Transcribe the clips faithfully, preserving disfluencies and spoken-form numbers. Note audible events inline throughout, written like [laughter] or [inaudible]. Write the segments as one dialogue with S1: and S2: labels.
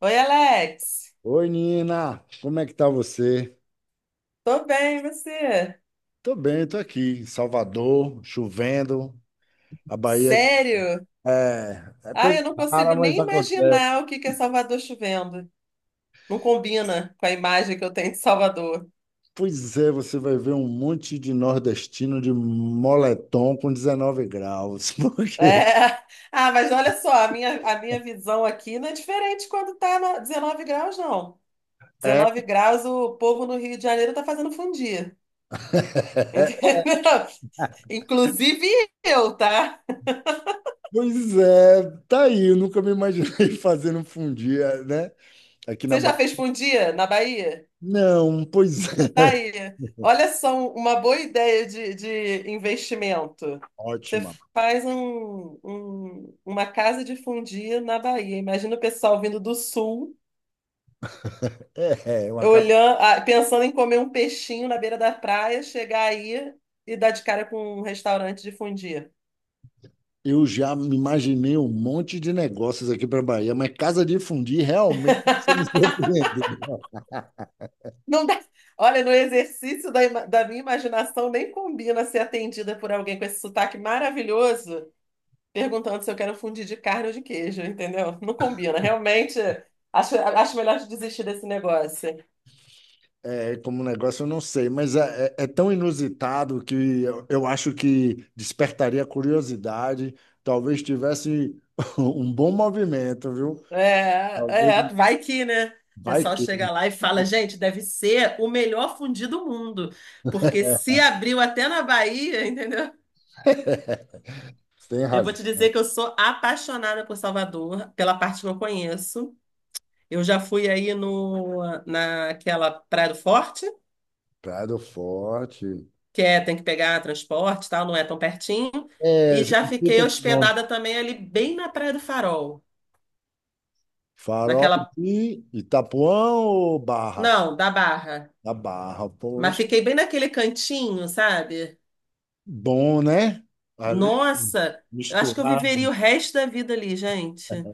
S1: Oi, Alex.
S2: Oi, Nina, como é que tá você?
S1: Tô bem, e você?
S2: Tô bem, tô aqui em Salvador, chovendo. A Bahia
S1: Sério?
S2: é, é
S1: Ah, eu
S2: coisa
S1: não
S2: rara,
S1: consigo
S2: mas
S1: nem
S2: acontece.
S1: imaginar o que que é Salvador chovendo. Não combina com a imagem que eu tenho de Salvador.
S2: Pois é, você vai ver um monte de nordestino de moletom com dezenove graus, [laughs]
S1: É.
S2: porque
S1: [laughs] Ah, mas olha só, a minha, a minha visão aqui não é diferente quando tá no- dezenove graus, não.
S2: é.
S1: dezenove graus, o povo no Rio de Janeiro tá fazendo fundir. Entendeu? [laughs] Inclusive eu, tá?
S2: Pois é, tá aí, eu nunca me imaginei [laughs] fazendo um fundia, né? Aqui na
S1: Você já
S2: Bahia.
S1: fez fundir na Bahia?
S2: Não, pois [laughs] é,
S1: Daí, olha só um, uma boa ideia de, de investimento. Você
S2: ótima.
S1: faz um, um- uma casa de fundir na Bahia. Imagina o pessoal vindo do sul,
S2: É, é uma cara.
S1: olhando, ah, pensando em comer um peixinho na beira da praia, chegar aí e dar de cara com um restaurante de fundir.
S2: Eu já me imaginei um monte de negócios aqui para Bahia, mas casa de fundir realmente [laughs] você me surpreendeu.
S1: Não dá. Olha, no exercício da, ima- da minha imaginação, nem combina ser atendida por alguém com esse sotaque maravilhoso, perguntando se eu quero fundir de carne ou de queijo, entendeu? Não combina. Realmente, acho, acho melhor de desistir desse negócio.
S2: É, como negócio eu não sei, mas é, é- é tão inusitado que eu, eu acho que despertaria curiosidade. Talvez tivesse [laughs] um bom movimento, viu?
S1: É,
S2: Talvez
S1: é, vai que, né? O
S2: vai
S1: pessoal
S2: que.
S1: chega lá e fala, gente, deve ser o melhor fundi do mundo, porque se
S2: [laughs]
S1: abriu até na Bahia, [laughs] entendeu?
S2: Tem
S1: Eu vou te dizer
S2: razão.
S1: que eu sou apaixonada por Salvador, pela parte que eu conheço. Eu já fui aí no, naquela Praia do Forte,
S2: Prado Forte.
S1: que é, tem que pegar transporte, e tal, não é tão pertinho.
S2: É,
S1: E já fiquei
S2: cinquenta quilômetros.
S1: hospedada também ali bem na Praia do Farol,
S2: Farol
S1: naquela,
S2: de Itapuã ou Barra?
S1: não, da Barra,
S2: Da Barra,
S1: mas
S2: poxa.
S1: fiquei bem naquele cantinho, sabe?
S2: Bom, né? Ali,
S1: Nossa, eu acho que eu
S2: misturar
S1: viveria o resto da vida ali, gente.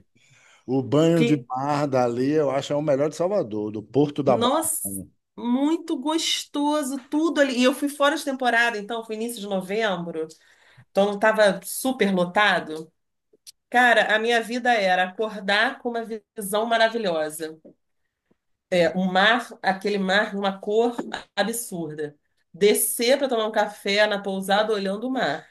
S2: o banho de
S1: Que,
S2: mar dali, eu acho é o melhor de Salvador, do Porto da Barra.
S1: nossa, muito gostoso tudo ali. E eu fui fora de temporada, então foi início de novembro, então não estava super lotado. Cara, a minha vida era acordar com uma visão maravilhosa. É,
S2: Né?
S1: um mar, aquele mar de uma cor absurda. Descer para tomar um café na pousada olhando o mar.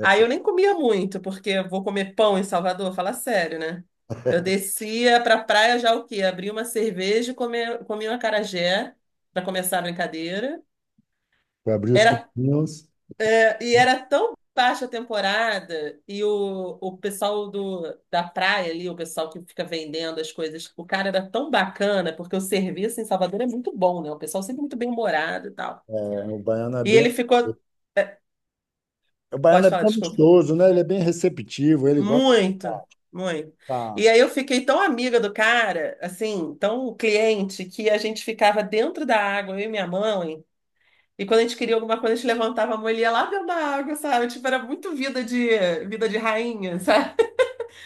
S1: Aí eu nem comia muito, porque eu vou comer pão em Salvador, fala sério, né? Eu descia para praia já o quê? Abri uma cerveja e comi, comi um acarajé para começar a brincadeira.
S2: Para abrir os
S1: Era
S2: caminhos,
S1: E era tão baixa a temporada, e o, o pessoal do, da praia ali, o pessoal que fica vendendo as coisas, o cara era tão bacana, porque o serviço em Salvador é muito bom, né? O pessoal sempre muito bem-humorado e tal.
S2: é, o baiano é
S1: E
S2: bem.
S1: ele ficou,
S2: O baiano
S1: pode
S2: é
S1: falar,
S2: bem
S1: desculpa,
S2: amistoso, né? Ele é bem receptivo, ele gosta.
S1: muito, muito.
S2: Tá.
S1: E aí eu fiquei tão amiga do cara, assim, tão cliente, que a gente ficava dentro da água, eu e minha mãe. E quando a gente queria alguma coisa, a gente levantava a mão e ele ia lá dentro da água, sabe? Tipo, era muito vida de vida de rainha, [laughs] sabe?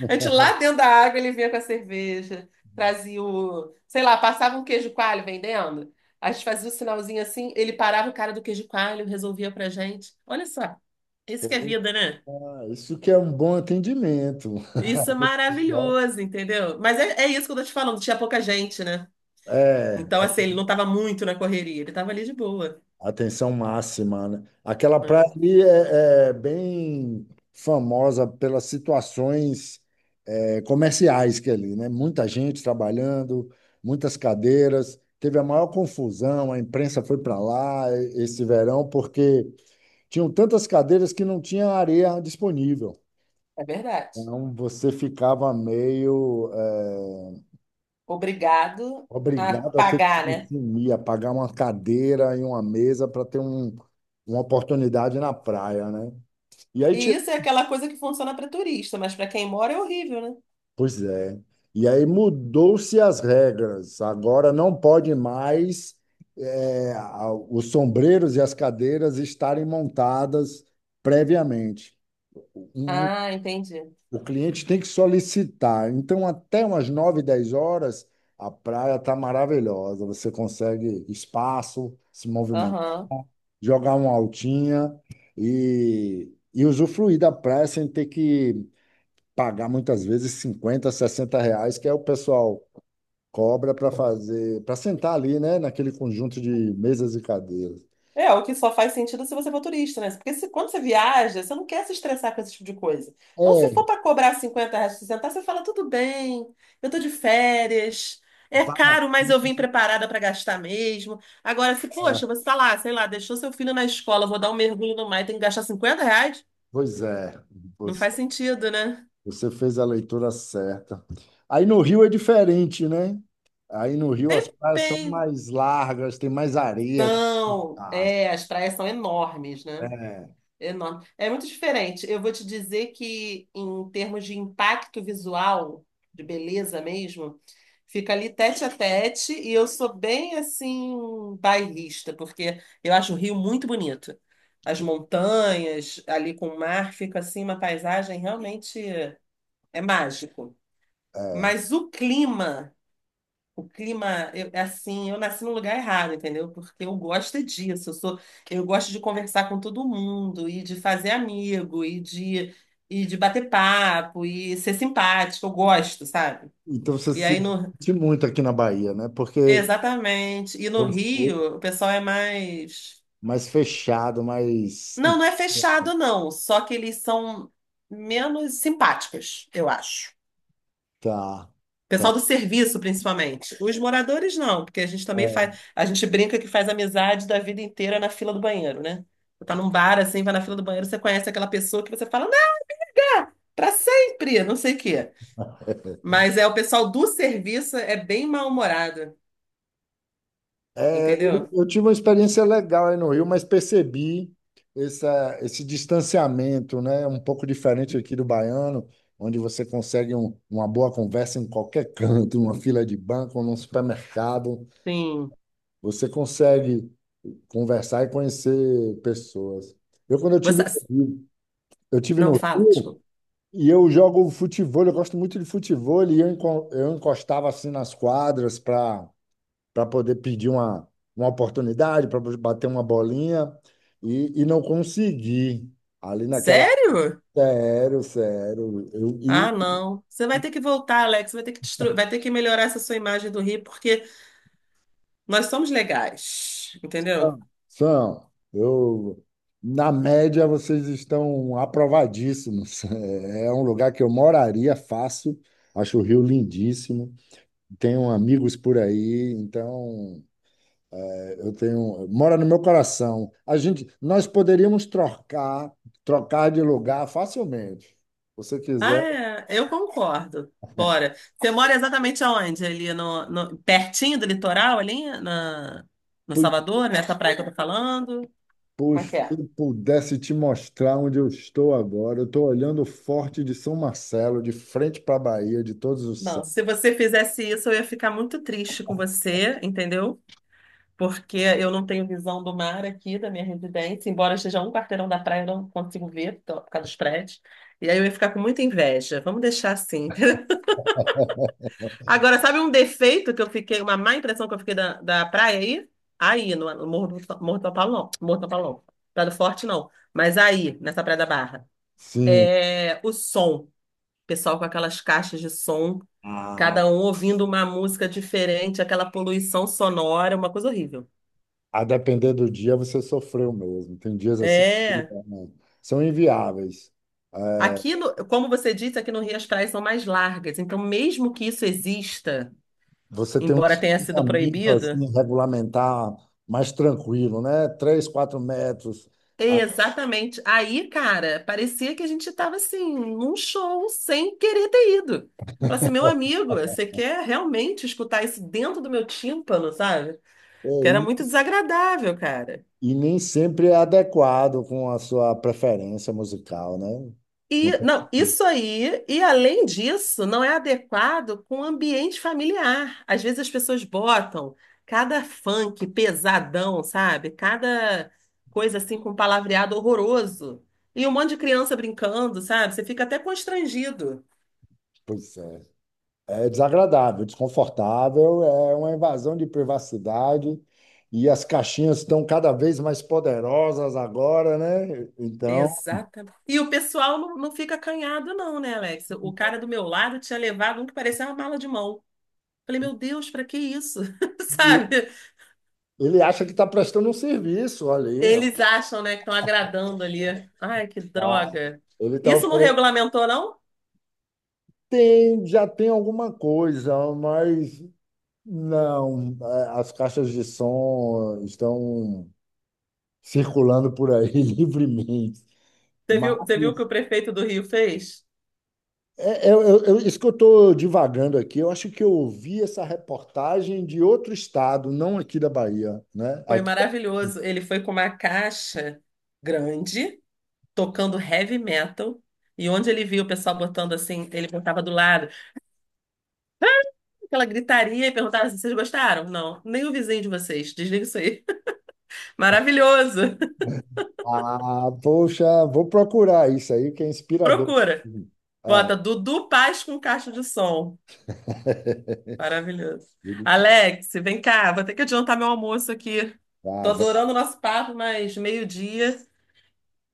S1: A gente lá dentro da água, ele vinha com a cerveja, trazia o, sei lá, passava um queijo coalho vendendo. A gente fazia o sinalzinho assim, ele parava o cara do queijo coalho, resolvia pra gente. Olha só, isso que é
S2: Porra,
S1: vida, né?
S2: [laughs] isso que é um bom atendimento.
S1: Isso é
S2: [laughs]
S1: maravilhoso, entendeu? Mas é, é isso que eu tô te falando, tinha pouca gente, né?
S2: É,
S1: Então, assim, ele não tava muito na correria, ele tava ali de boa.
S2: atenção máxima, né? Aquela praia
S1: Hum.
S2: ali é, é bem famosa pelas situações é, comerciais que é ali, né? Muita gente trabalhando, muitas cadeiras. Teve a maior confusão, a imprensa foi para lá e- esse verão porque tinham tantas cadeiras que não tinha areia disponível.
S1: É verdade.
S2: Então você ficava meio é,
S1: Obrigado a
S2: obrigado a ter que
S1: pagar,
S2: me
S1: né?
S2: sumir, a pagar uma cadeira e uma mesa para ter um, uma oportunidade na praia, né? E aí,
S1: E
S2: tira...
S1: isso é aquela coisa que funciona para turista, mas para quem mora é horrível, né?
S2: Pois é. E aí mudou-se as regras. Agora não pode mais é, a- os sombreiros e as cadeiras estarem montadas previamente. Um-
S1: Ah, entendi.
S2: o cliente tem que solicitar. Então, até umas nove dez horas, a praia está maravilhosa. Você consegue espaço, se movimentar,
S1: Aham.
S2: jogar uma altinha e, e usufruir da praia sem ter que pagar muitas vezes cinquenta sessenta reais, que é o pessoal cobra para fazer, para sentar ali, né, naquele conjunto de mesas e cadeiras.
S1: É, o que só faz sentido se você for turista, né? Porque se, quando você viaja, você não quer se estressar com esse tipo de coisa. Então, se
S2: É,
S1: for para cobrar cinquenta reais, sessenta, você fala, tudo bem, eu tô de férias, é
S2: vale a
S1: caro, mas eu vim preparada para gastar mesmo. Agora, se,
S2: pena.
S1: poxa, você tá lá, sei lá, deixou seu filho na escola, vou dar um mergulho no mar e tem que gastar cinquenta reais,
S2: Pois é,
S1: não faz
S2: você,
S1: sentido, né?
S2: você fez a leitura certa. Aí no Rio é diferente, né? Aí no Rio as praias são
S1: Dependão.
S2: mais largas, tem mais areia. Ah,
S1: É, as praias são enormes, né?
S2: é.
S1: Enorme. É muito diferente. Eu vou te dizer que, em termos de impacto visual, de beleza mesmo, fica ali tete a tete. E eu sou bem assim, bairrista, porque eu acho o Rio muito bonito. As montanhas, ali com o mar, fica assim uma paisagem realmente é mágico.
S2: É.
S1: Mas o clima. O clima, eu, é assim, eu nasci no lugar errado, entendeu? Porque eu gosto é disso. Eu sou, eu gosto de conversar com todo mundo e de fazer amigo e de, e de bater papo e ser simpático. Eu gosto, sabe?
S2: Então você
S1: E
S2: se
S1: aí no,
S2: sente muito aqui na Bahia, né? Porque
S1: exatamente. E no
S2: você é
S1: Rio, o pessoal é mais,
S2: mais fechado, mais.
S1: não, não é fechado, não. Só que eles são menos simpáticos, eu acho.
S2: Tá.
S1: Pessoal do serviço, principalmente. Os moradores não, porque a gente também faz, a gente brinca que faz amizade da vida inteira na fila do banheiro, né? Você tá num bar assim, vai na fila do banheiro, você conhece aquela pessoa que você fala, não, pra sempre, não sei o quê. Mas é o pessoal do serviço é bem mal-humorado,
S2: É, é, eu
S1: entendeu?
S2: eu tive uma experiência legal aí no Rio, mas percebi essa, esse distanciamento, né? Um pouco diferente aqui do baiano, onde você consegue um- uma boa conversa em qualquer canto, uma fila de banco, num supermercado.
S1: Sim.
S2: Você consegue conversar e conhecer pessoas. Eu, quando eu tive
S1: Você
S2: no Rio, eu tive no
S1: não fala,
S2: Rio
S1: desculpa.
S2: e eu jogo futevôlei, eu gosto muito de futevôlei, e eu enco- eu encostava assim nas quadras para para poder pedir uma, uma oportunidade, para bater uma bolinha, e, e não consegui. Ali naquela.
S1: Sério?
S2: Sério, sério. Eu,
S1: Ah,
S2: e,
S1: não. Você vai ter que voltar, Alex, vai ter que destru... vai ter que melhorar essa sua imagem do Rio, porque nós somos legais, entendeu?
S2: Sam, eu, na média, vocês estão aprovadíssimos. [laughs] É um lugar que eu moraria fácil, acho o Rio lindíssimo, tenho amigos por aí, então. Eu tenho, mora no meu coração. A gente, nós poderíamos trocar, trocar de lugar facilmente. Se você
S1: Ah,
S2: quiser,
S1: é, eu concordo. Bora. Você mora exatamente aonde? Ali no, no- pertinho do litoral, ali na, no
S2: pu-
S1: Salvador, nessa praia que eu tô falando?
S2: pu-
S1: Como é
S2: se
S1: que é?
S2: pudesse te mostrar onde eu estou agora. Eu estou olhando o Forte de São Marcelo, de frente para a Bahia, de todos os
S1: Não,
S2: céus.
S1: se você fizesse isso, eu ia ficar muito triste com você, entendeu? Porque eu não tenho visão do mar aqui da minha residência, embora eu esteja a um quarteirão da praia, eu não consigo ver tô- por causa dos prédios. E aí eu ia ficar com muita inveja. Vamos deixar assim.
S2: [laughs]
S1: Agora, sabe um defeito que eu fiquei, uma má impressão que eu fiquei da, da praia aí? Aí, no, no Morro do, Morro do Tapalão. Morro do Tapalão. Praia do Forte, não. Mas aí, nessa Praia da Barra.
S2: Sim.
S1: É, o som. Pessoal com aquelas caixas de som,
S2: Ah,
S1: cada um ouvindo uma música diferente, aquela poluição sonora, uma coisa horrível.
S2: a depender do dia você sofreu mesmo. Tem dias assim que,
S1: É.
S2: né, são inviáveis. É,
S1: Aqui, no, como você disse, aqui no Rio as praias são mais largas. Então, mesmo que isso exista,
S2: você tem um
S1: embora tenha sido
S2: distanciamento
S1: proibido.
S2: assim, regulamentar mais tranquilo, né? Três, quatro metros.
S1: Exatamente. Aí, cara, parecia que a gente estava assim, num show sem querer ter ido. Falei assim, meu amigo, você quer realmente escutar isso dentro do meu tímpano, sabe?
S2: É
S1: Que era muito
S2: isso.
S1: desagradável, cara.
S2: E nem sempre é adequado com a sua preferência musical, né?
S1: E
S2: Acontece
S1: não,
S2: muito.
S1: isso aí, e além disso, não é adequado com o ambiente familiar. Às vezes as pessoas botam cada funk pesadão, sabe? Cada coisa assim com palavreado horroroso. E um monte de criança brincando, sabe? Você fica até constrangido.
S2: Pois é. É desagradável, desconfortável, é uma invasão de privacidade e as caixinhas estão cada vez mais poderosas agora, né? Então,
S1: Exatamente. E o pessoal não, não fica acanhado, não, né, Alex? O cara do meu lado tinha levado um que parecia uma mala de mão. Falei, meu Deus, pra que isso? [laughs]
S2: e
S1: Sabe?
S2: ele acha que está prestando um serviço ali, não?
S1: Eles acham, né, que estão agradando ali. Ai, que
S2: Tá?
S1: droga.
S2: Ele está.
S1: Isso não regulamentou, não?
S2: Tem, já tem alguma coisa, mas não. é, As caixas de som estão circulando por aí [laughs] livremente.
S1: Você
S2: Mas
S1: viu, você viu o que o prefeito do Rio fez?
S2: é, é, eu- eu- isso que eu estou divagando aqui, eu acho que eu ouvi essa reportagem de outro estado, não aqui da Bahia, né?
S1: Foi
S2: Aqui-
S1: maravilhoso. Ele foi com uma caixa grande, tocando heavy metal, e onde ele viu o pessoal botando assim, ele botava do lado. Ela gritaria e perguntava assim, vocês gostaram? Não, nem o vizinho de vocês. Desliga isso aí. [laughs] Maravilhoso. [laughs]
S2: ah, poxa, vou procurar isso aí, que é inspirador.
S1: Procura.
S2: É.
S1: Bota Dudu Paz com caixa de som.
S2: [laughs]
S1: Maravilhoso. Alex, vem cá. Vou ter que adiantar meu almoço aqui.
S2: Ah,
S1: Tô adorando o nosso papo, mas meio-dia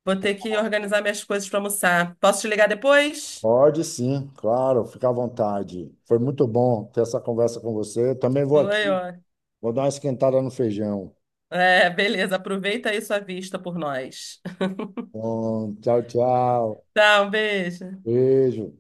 S1: vou ter que organizar minhas coisas para almoçar. Posso te ligar depois?
S2: pode sim, claro, fica à vontade. Foi muito bom ter essa conversa com você. Também vou
S1: Foi,
S2: aqui,
S1: ó.
S2: vou dar uma esquentada no feijão.
S1: É, beleza. Aproveita aí sua vista por nós.
S2: Bom, tchau, tchau.
S1: [laughs] Tchau, um beijo.
S2: Beijo.